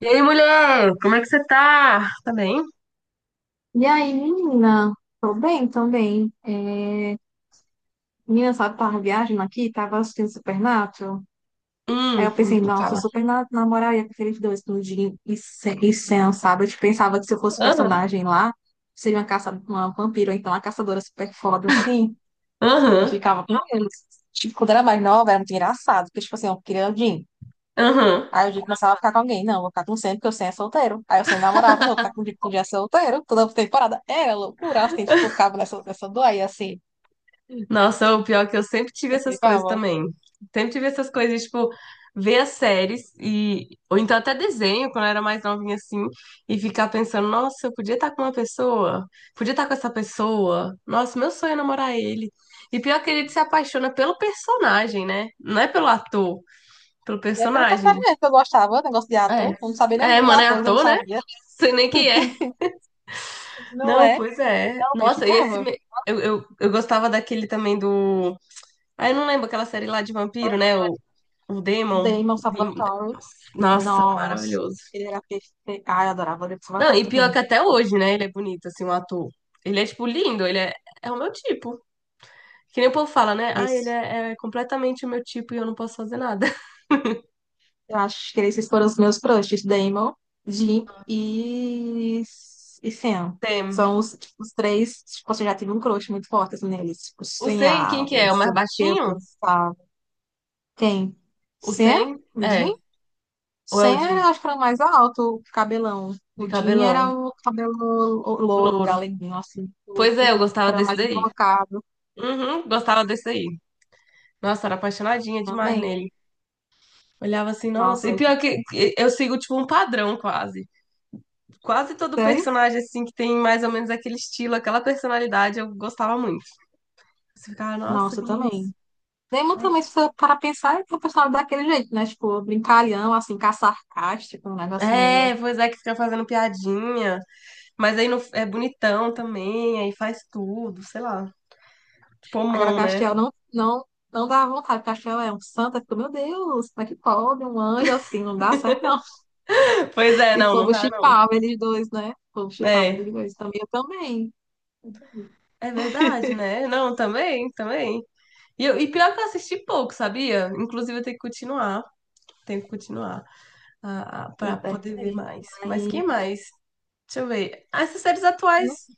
E aí, mulher, como é que você tá? Tá bem? E aí, menina? Tô bem também. Menina, sabe, tava viagem aqui, tava assistindo Supernatural. Aí Hum, eu pensei, nossa, fala. Supernatural, na com eu ia preferir dia e Sam, sabe? Eu tipo, pensava que se eu fosse Aham, personagem lá, seria uma caça, uma vampiro, ou então uma caçadora super foda, assim. E aham, ficava, "Hum?" Tipo, quando era mais nova, era muito engraçado, porque, tipo assim, eu queria o... aham. Aí o Jim começava a ficar com alguém. Não, vou ficar com o Sam, porque o Sam é solteiro. Aí o Sam namorava, não, vou ficar com o Jim, porque o Jim é solteiro. Toda temporada era loucura, assim, tipo, eu ficava nessa doia, assim. Nossa, o pior é que eu sempre tive Eu essas coisas ficava. também. Sempre tive essas coisas, tipo, ver as séries e... Ou então até desenho, quando eu era mais novinha, assim, e ficar pensando, nossa, eu podia estar com uma pessoa, podia estar com essa pessoa. Nossa, meu sonho é namorar ele. E pior que ele se apaixona pelo personagem, né? Não é pelo ator, pelo E é pelo personagem. personagem que eu gostava, negócio de ator. É. Eu não sabia nem É, dos mano, é atores, eu não ator, né? sabia. Sei nem quem é. Não Não, é? pois é. Eu Nossa, e esse. ficava. Eu gostava daquele também do. Ah, eu não lembro aquela série lá de vampiro, né? O Demon. Damon Salvatore. Nossa, Nossa, maravilhoso. ele era perfeito. Ai, eu adorava o Damon Não, e Salvatore pior que também. até hoje, né? Ele é bonito, assim, o ator. Ele é, tipo, lindo, é o meu tipo. Que nem o povo fala, né? Ah, Esse, é completamente o meu tipo e eu não posso fazer nada. eu acho que esses foram os meus crushes. Damon, Jim e Sam. Tem. São os, tipo, os três. Tipo, assim, eu já tive um crush muito forte assim, neles. Tipo, O Sen, quem que sonhava, é? não O sei mais o que, eu baixinho? pensava. Quem? O Sam? Sen? O Jim? É. Ou é Sam o era, acho que era o mais alto, o cabelão. de O Jim era cabelão? o cabelo louro, Louro. galeguinho, assim, Pois é, curto, eu que gostava era desse mais daí. embocado Uhum, gostava desse daí. Nossa, era apaixonadinha demais também. nele. Olhava assim, nossa. E Nossa, pior que eu sigo, tipo, um padrão quase. Quase todo sério? personagem, assim, que tem mais ou menos aquele estilo, aquela personalidade, eu gostava muito. Você ficava, nossa, Nossa, que lindo. também. Damon também, se for para pensar, é um personagem daquele jeito, né? Tipo, brincalhão, assim, cá sarcástico, um negócio meio... É, pois é, que fica fazendo piadinha. Mas aí no, é bonitão também, aí faz tudo, sei lá. Tipo, Agora, mão, né? Castiel não, não dá vontade. Castiel é um santo, eu fico, meu Deus, como é que pode? Um anjo assim, não dá certo, não. Pois é, E o não, não povo dá, não. chipava eles dois, né? O povo chipava É, eles dois também. é verdade, né? Não, também, também. E pior que eu assisti pouco, sabia? Inclusive, eu tenho que continuar. Tenho que continuar. Eu Para poder ver perguntei, mais. Mas quem mas mais? Deixa eu ver. Ah, essas séries atuais nossa,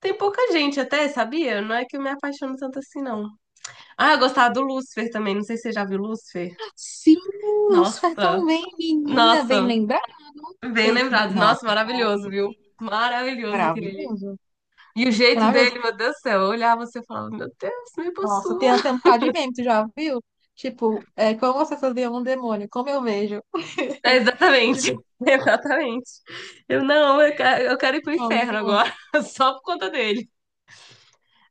tem pouca gente até, sabia? Não é que eu me apaixono tanto assim, não. Ah, eu gostava do Lucifer também. Não sei se você já viu Lucifer. sim, os tão Nossa, bem, menina, bem nossa, lembrada. bem lembrado. Não, Nossa, aqui tá maravilhoso, viu? Maravilhoso aquele ali. maravilhoso, E o jeito maravilhoso. dele, meu Deus do céu, eu olhava você e falava, meu Deus, me Nossa, possua. tem até um bocado de meme, tu já viu? Tipo, é, como você fazia um demônio, como eu vejo. É, Tipo, exatamente, exatamente. Eu não, eu quero ir pro não, muito inferno bom. agora, só por conta dele.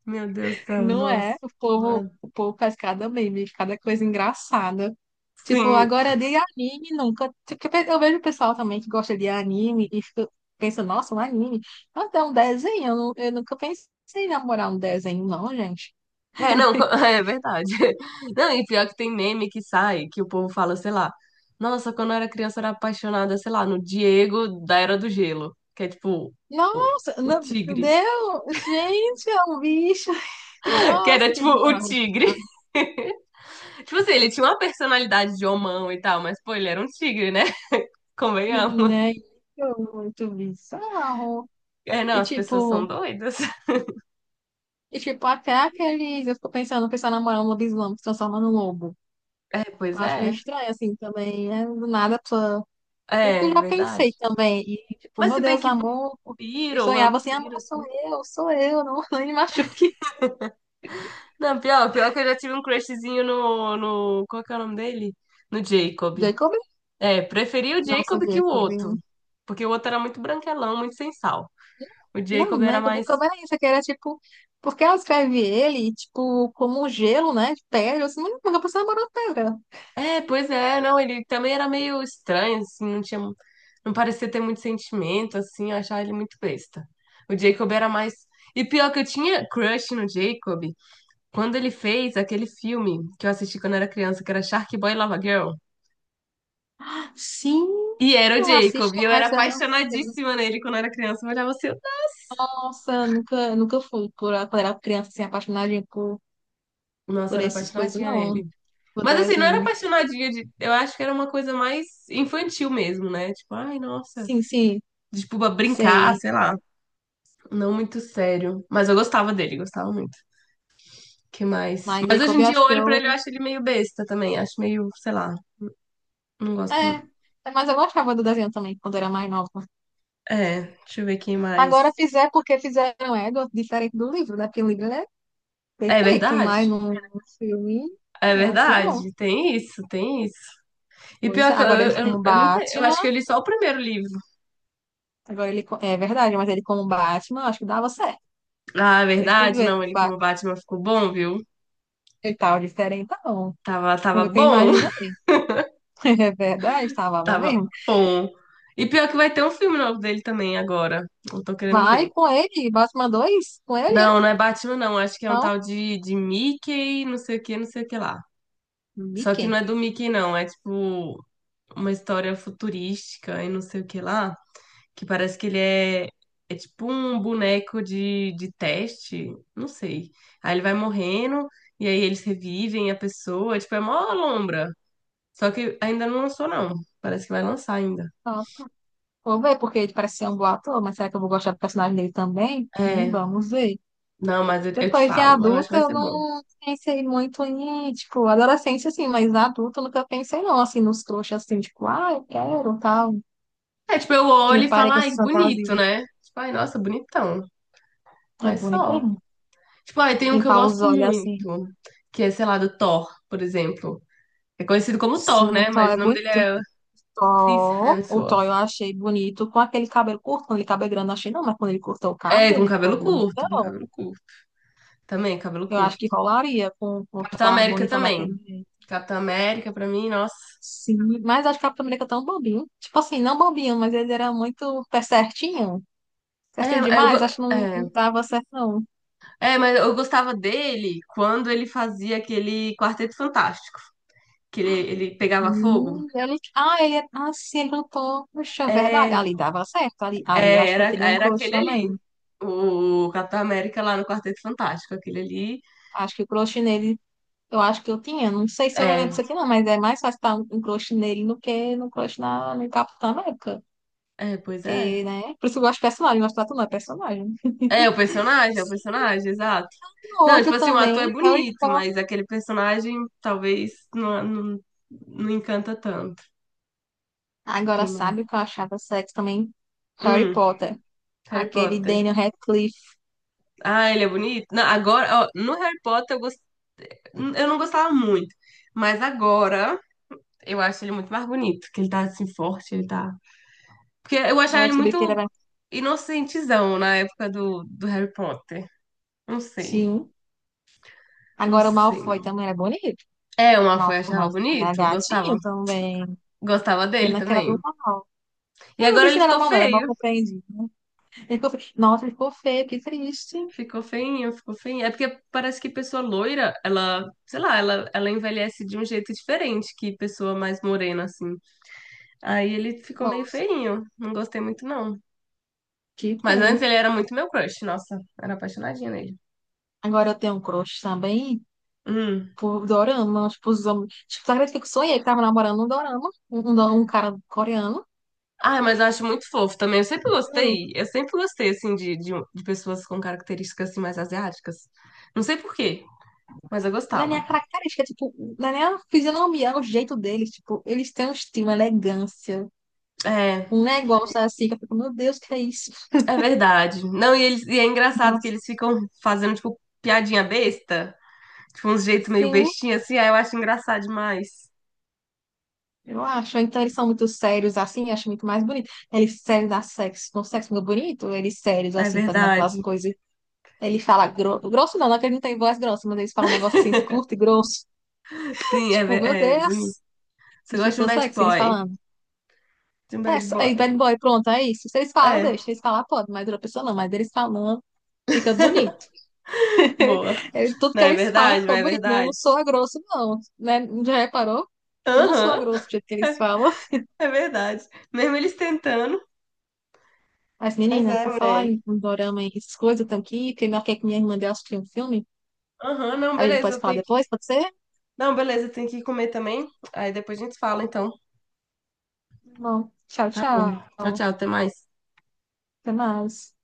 Meu Deus do céu, Não é? nossa. O povo faz cada meme, cada coisa engraçada. Tipo, Sim. agora é de anime nunca. Tipo, eu vejo o pessoal também que gosta de anime e fica, pensa, nossa, um anime. Mas é um desenho, eu nunca pensei em namorar um desenho, não, gente. É, não, é verdade. Não, e pior que tem meme que sai, que o povo fala, sei lá, nossa, quando eu era criança eu era apaixonada, sei lá, no Diego da Era do Gelo, que é tipo o, Nossa, o não, meu tigre. Deus, gente, é um bicho. Que era Nossa, que tipo o bizarro. tigre. Tipo assim, ele tinha uma personalidade de homão e tal, mas pô, ele era um tigre, né? Convenhamos. Né? Muito muito bizarro. É, não, E as pessoas são tipo, doidas. e tipo, até aqueles... Eu fico pensando, o pessoal namorando um lobisomem, se transforma num lobo. É, Eu pois acho meio é. estranho, assim, também, né? Do nada a pessoa... Bem que É, eu já verdade. pensei também. E, tipo, Mas se meu bem Deus, que amor. E vampiro, sonhava assim, amor, vampiro, assim. Sou eu, não, não me machuque. Não, pior, pior que eu já tive um crushzinho no. Qual que é o nome dele? No Jacob. Jacob? É, preferi o Nossa, Jacob que o Jacob, outro. hein? Porque o outro era muito branquelão, muito sem sal. O Não, Jacob era né? O mais. problema é isso, é que era tipo... Porque ela escreve ele, tipo, como um gelo, né? De pedra. Eu assim, mas a pessoa namorou pedra." É, pois é, não, ele também era meio estranho, assim, não tinha. Não parecia ter muito sentimento, assim, eu achava ele muito besta. O Jacob era mais. E pior que eu tinha crush no Jacob quando ele fez aquele filme que eu assisti quando era criança, que era Shark Boy e Lava Girl. Sim, E era o eu Jacob. assisto, E eu era mas eu não... apaixonadíssima nele quando eu era criança. Eu olhava assim, Nossa, eu nunca fui por quando era criança, assim, apaixonadinha nossa, eu por era essas coisas, apaixonadinha não. nele. Por Mas assim, não era desenho. apaixonadinha de. Eu acho que era uma coisa mais infantil mesmo, né? Tipo, ai, nossa. Sim, sim. Tipo, pra brincar, Sei, sei lá. Não muito sério. Mas eu gostava dele, gostava muito. Que mais? mas Mas hoje Jacob, em eu dia eu acho que olho pra eu... ele e acho ele meio besta também. Acho meio, sei lá. Não gosto É, muito. é, mas eu gostava do desenho também, quando era mais nova. É, deixa eu ver quem Agora mais. fizer porque fizeram Edward diferente do livro, né? Porque o livro ele é É perfeito, mas verdade? no filme É é assim não. verdade. Tem isso, tem isso. E Pois é, pior que eu, agora ele eu, como eu nunca. Eu Batman, acho que eu li só o primeiro livro. agora ele... É verdade, mas ele como Batman, eu acho que dava certo. Ah, é Não sei se tu verdade? viu ele Não, com ele como Batman Batman ficou bom, viu? e tal, diferente, não. Tava Foi que eu bom. imaginei. É verdade, estava bom Tava mesmo. bom. E pior que vai ter um filme novo dele também agora. Eu tô querendo Vai ver. com ele, Batman 2, com ele, é? Não, não é Batman, não. Acho que é um Não, tal de Mickey, não sei o que, não sei o que lá. Só que não Mickey. é do Mickey, não. É tipo uma história futurística e não sei o que lá. Que parece que ele é, é tipo um boneco de teste. Não sei. Aí ele vai morrendo e aí eles revivem a pessoa. Tipo, é mó lombra. Só que ainda não lançou, não. Parece que vai lançar ainda. Nossa. Vou ver, porque ele parece ser um bom ator, mas será que eu vou gostar do personagem dele também? É, Vamos ver. não, mas eu te Depois de falo, mas eu acho que adulta, vai eu ser bom. não pensei muito em, tipo, adolescência, assim, mas adulta eu nunca pensei, não, assim, nos trouxas, assim, tipo, ah, eu quero, tal. É, tipo, eu olho Me e falo, parei com ai, essas bonito, fantasias. né? Tipo, ai, nossa, bonitão. É Mas bonito, só. hein? Tipo, ai, tem um que eu Limpar os gosto olhos, assim. muito, que é, sei lá, do Thor, por exemplo. É conhecido como Sim, Thor, o né? Thor Mas é o nome dele bonito. é Chris Thor, o Hemsworth. Thor eu achei bonito com aquele cabelo curto, com aquele cabelo grande, eu não achei não, mas quando ele cortou o É, cabelo, com ele ficou cabelo curto, com bonitão. cabelo curto. Também, cabelo Eu acho que curto. rolaria com o Capitão Thor América bonitão também. daquele jeito. Capitão América, pra mim, nossa. Sim, mas acho que o Capitão América é tão bobinho. Tipo assim, não bobinho, mas ele era muito pé certinho. Certinho É, eu, go- demais, acho que não, não é. dava certo, não. É, mas eu gostava dele quando ele fazia aquele Quarteto Fantástico, que ele pegava fogo. Eu não- ah, ele é... Ah, sim, ele lutou. Puxa, é verdade. É, Ali dava certo. Ali, ali eu é, acho que eu era, teria um era crush aquele ali, também. o Capitão América lá no Quarteto Fantástico, aquele ali. Acho que o crush nele, eu acho que eu tinha. Não sei se eu lembro É, disso aqui, não, mas é mais fácil estar um crush nele do que no crush na, no Capitão América. é, pois é. Porque, né? Por isso que eu gosto de personagem, eu gosto de atuar não é personagem. É o Sim, personagem, exato. Não, tipo outra assim, o ator é também, Harry bonito, Potter. mas aquele personagem talvez não não encanta tanto. Agora, Quem mais? sabe o que eu achava sexy também? Harry Hum, Potter. Harry Aquele Potter. Daniel Radcliffe. Ah, ele é bonito? Não, agora, ó, no Harry Potter eu gostava. Eu não gostava muito. Mas agora eu acho ele muito mais bonito. Que ele tá assim forte, ele tá. Porque eu achava Agora eu ele descobri muito que ele era... inocentezão na época do Harry Potter. Não sei. Sim. Não Agora o sei. Malfoy também era bonito. É, o Malfoy eu O achava Malfoy era bonito. Eu gostava. gatinho também. Gostava dele Pena que era também. do mal. E Mas o agora bicho ele não era ficou mal, não. Era mal feio. compreendido, né? Ele ficou... feio. Nossa, ele ficou feio. Que triste. Ficou feinho, ficou feinho. É porque parece que pessoa loira, ela, sei lá, ela envelhece de um jeito diferente que pessoa mais morena, assim. Aí ele ficou meio Nossa, feinho. Não gostei muito, não. que Mas antes pena. ele era muito meu crush, nossa, era apaixonadinha nele. Agora eu tenho um crush também Hum. por dorama. Tipo, os homens... Tipo, sabe que eu sonhei que tava namorando um dorama? Um cara coreano. Ah, mas eu acho muito fofo também. Juro. Eu sempre gostei, assim, de pessoas com características, assim, mais asiáticas. Não sei por quê, mas eu Na gostava. minha característica, tipo, na minha fisionomia, o jeito deles, tipo, eles têm um estilo, uma elegância, É, um negócio assim, que eu fico, meu Deus, que é isso? é verdade. Não, e, eles, e é engraçado que Nossa, eles ficam fazendo, tipo, piadinha besta, tipo, uns jeito meio sim, bestinha, assim, aí eu acho engraçado demais. eu acho. Então eles são muito sérios assim, eu acho muito mais bonito. Eles sérios da sexo, com sexo muito bonito, eles sérios É assim, fazendo aquelas verdade. coisas. Grosso, não, não é que ele não tem voz grossa, mas eles falam um negócio assim, curto e grosso. Sim, é, Tipo, meu é bonito. Deus, Você e gosta de um fica bad sexy eles boy. falando. De um É, bad só- aí, bad boy. boy, pronto, é isso. Se eles falam, É, deixa. Se eles falar, pode, mas outra pessoa não, mas eles falando, fica bonito. boa. É, tudo Não que é eles falam verdade? Não fica é bonito. Não, eu verdade? não sou a grosso, não. Né? Já reparou? Tipo, eu não sou a Aham, grosso do jeito que eles falam. é verdade. Mesmo eles tentando. Mas, Mas menina, é, por falar mulher. em dorama e essas coisas, eu tenho que ir, porque marquei com minha irmã de assistir um filme. Aham, não, A gente beleza, pode eu falar tenho que. depois, pode ser? Não, beleza, eu tenho que comer também. Aí depois a gente fala, então. Bom, tchau, Tá bom. tchau. Tchau, tchau, até mais. Até mais.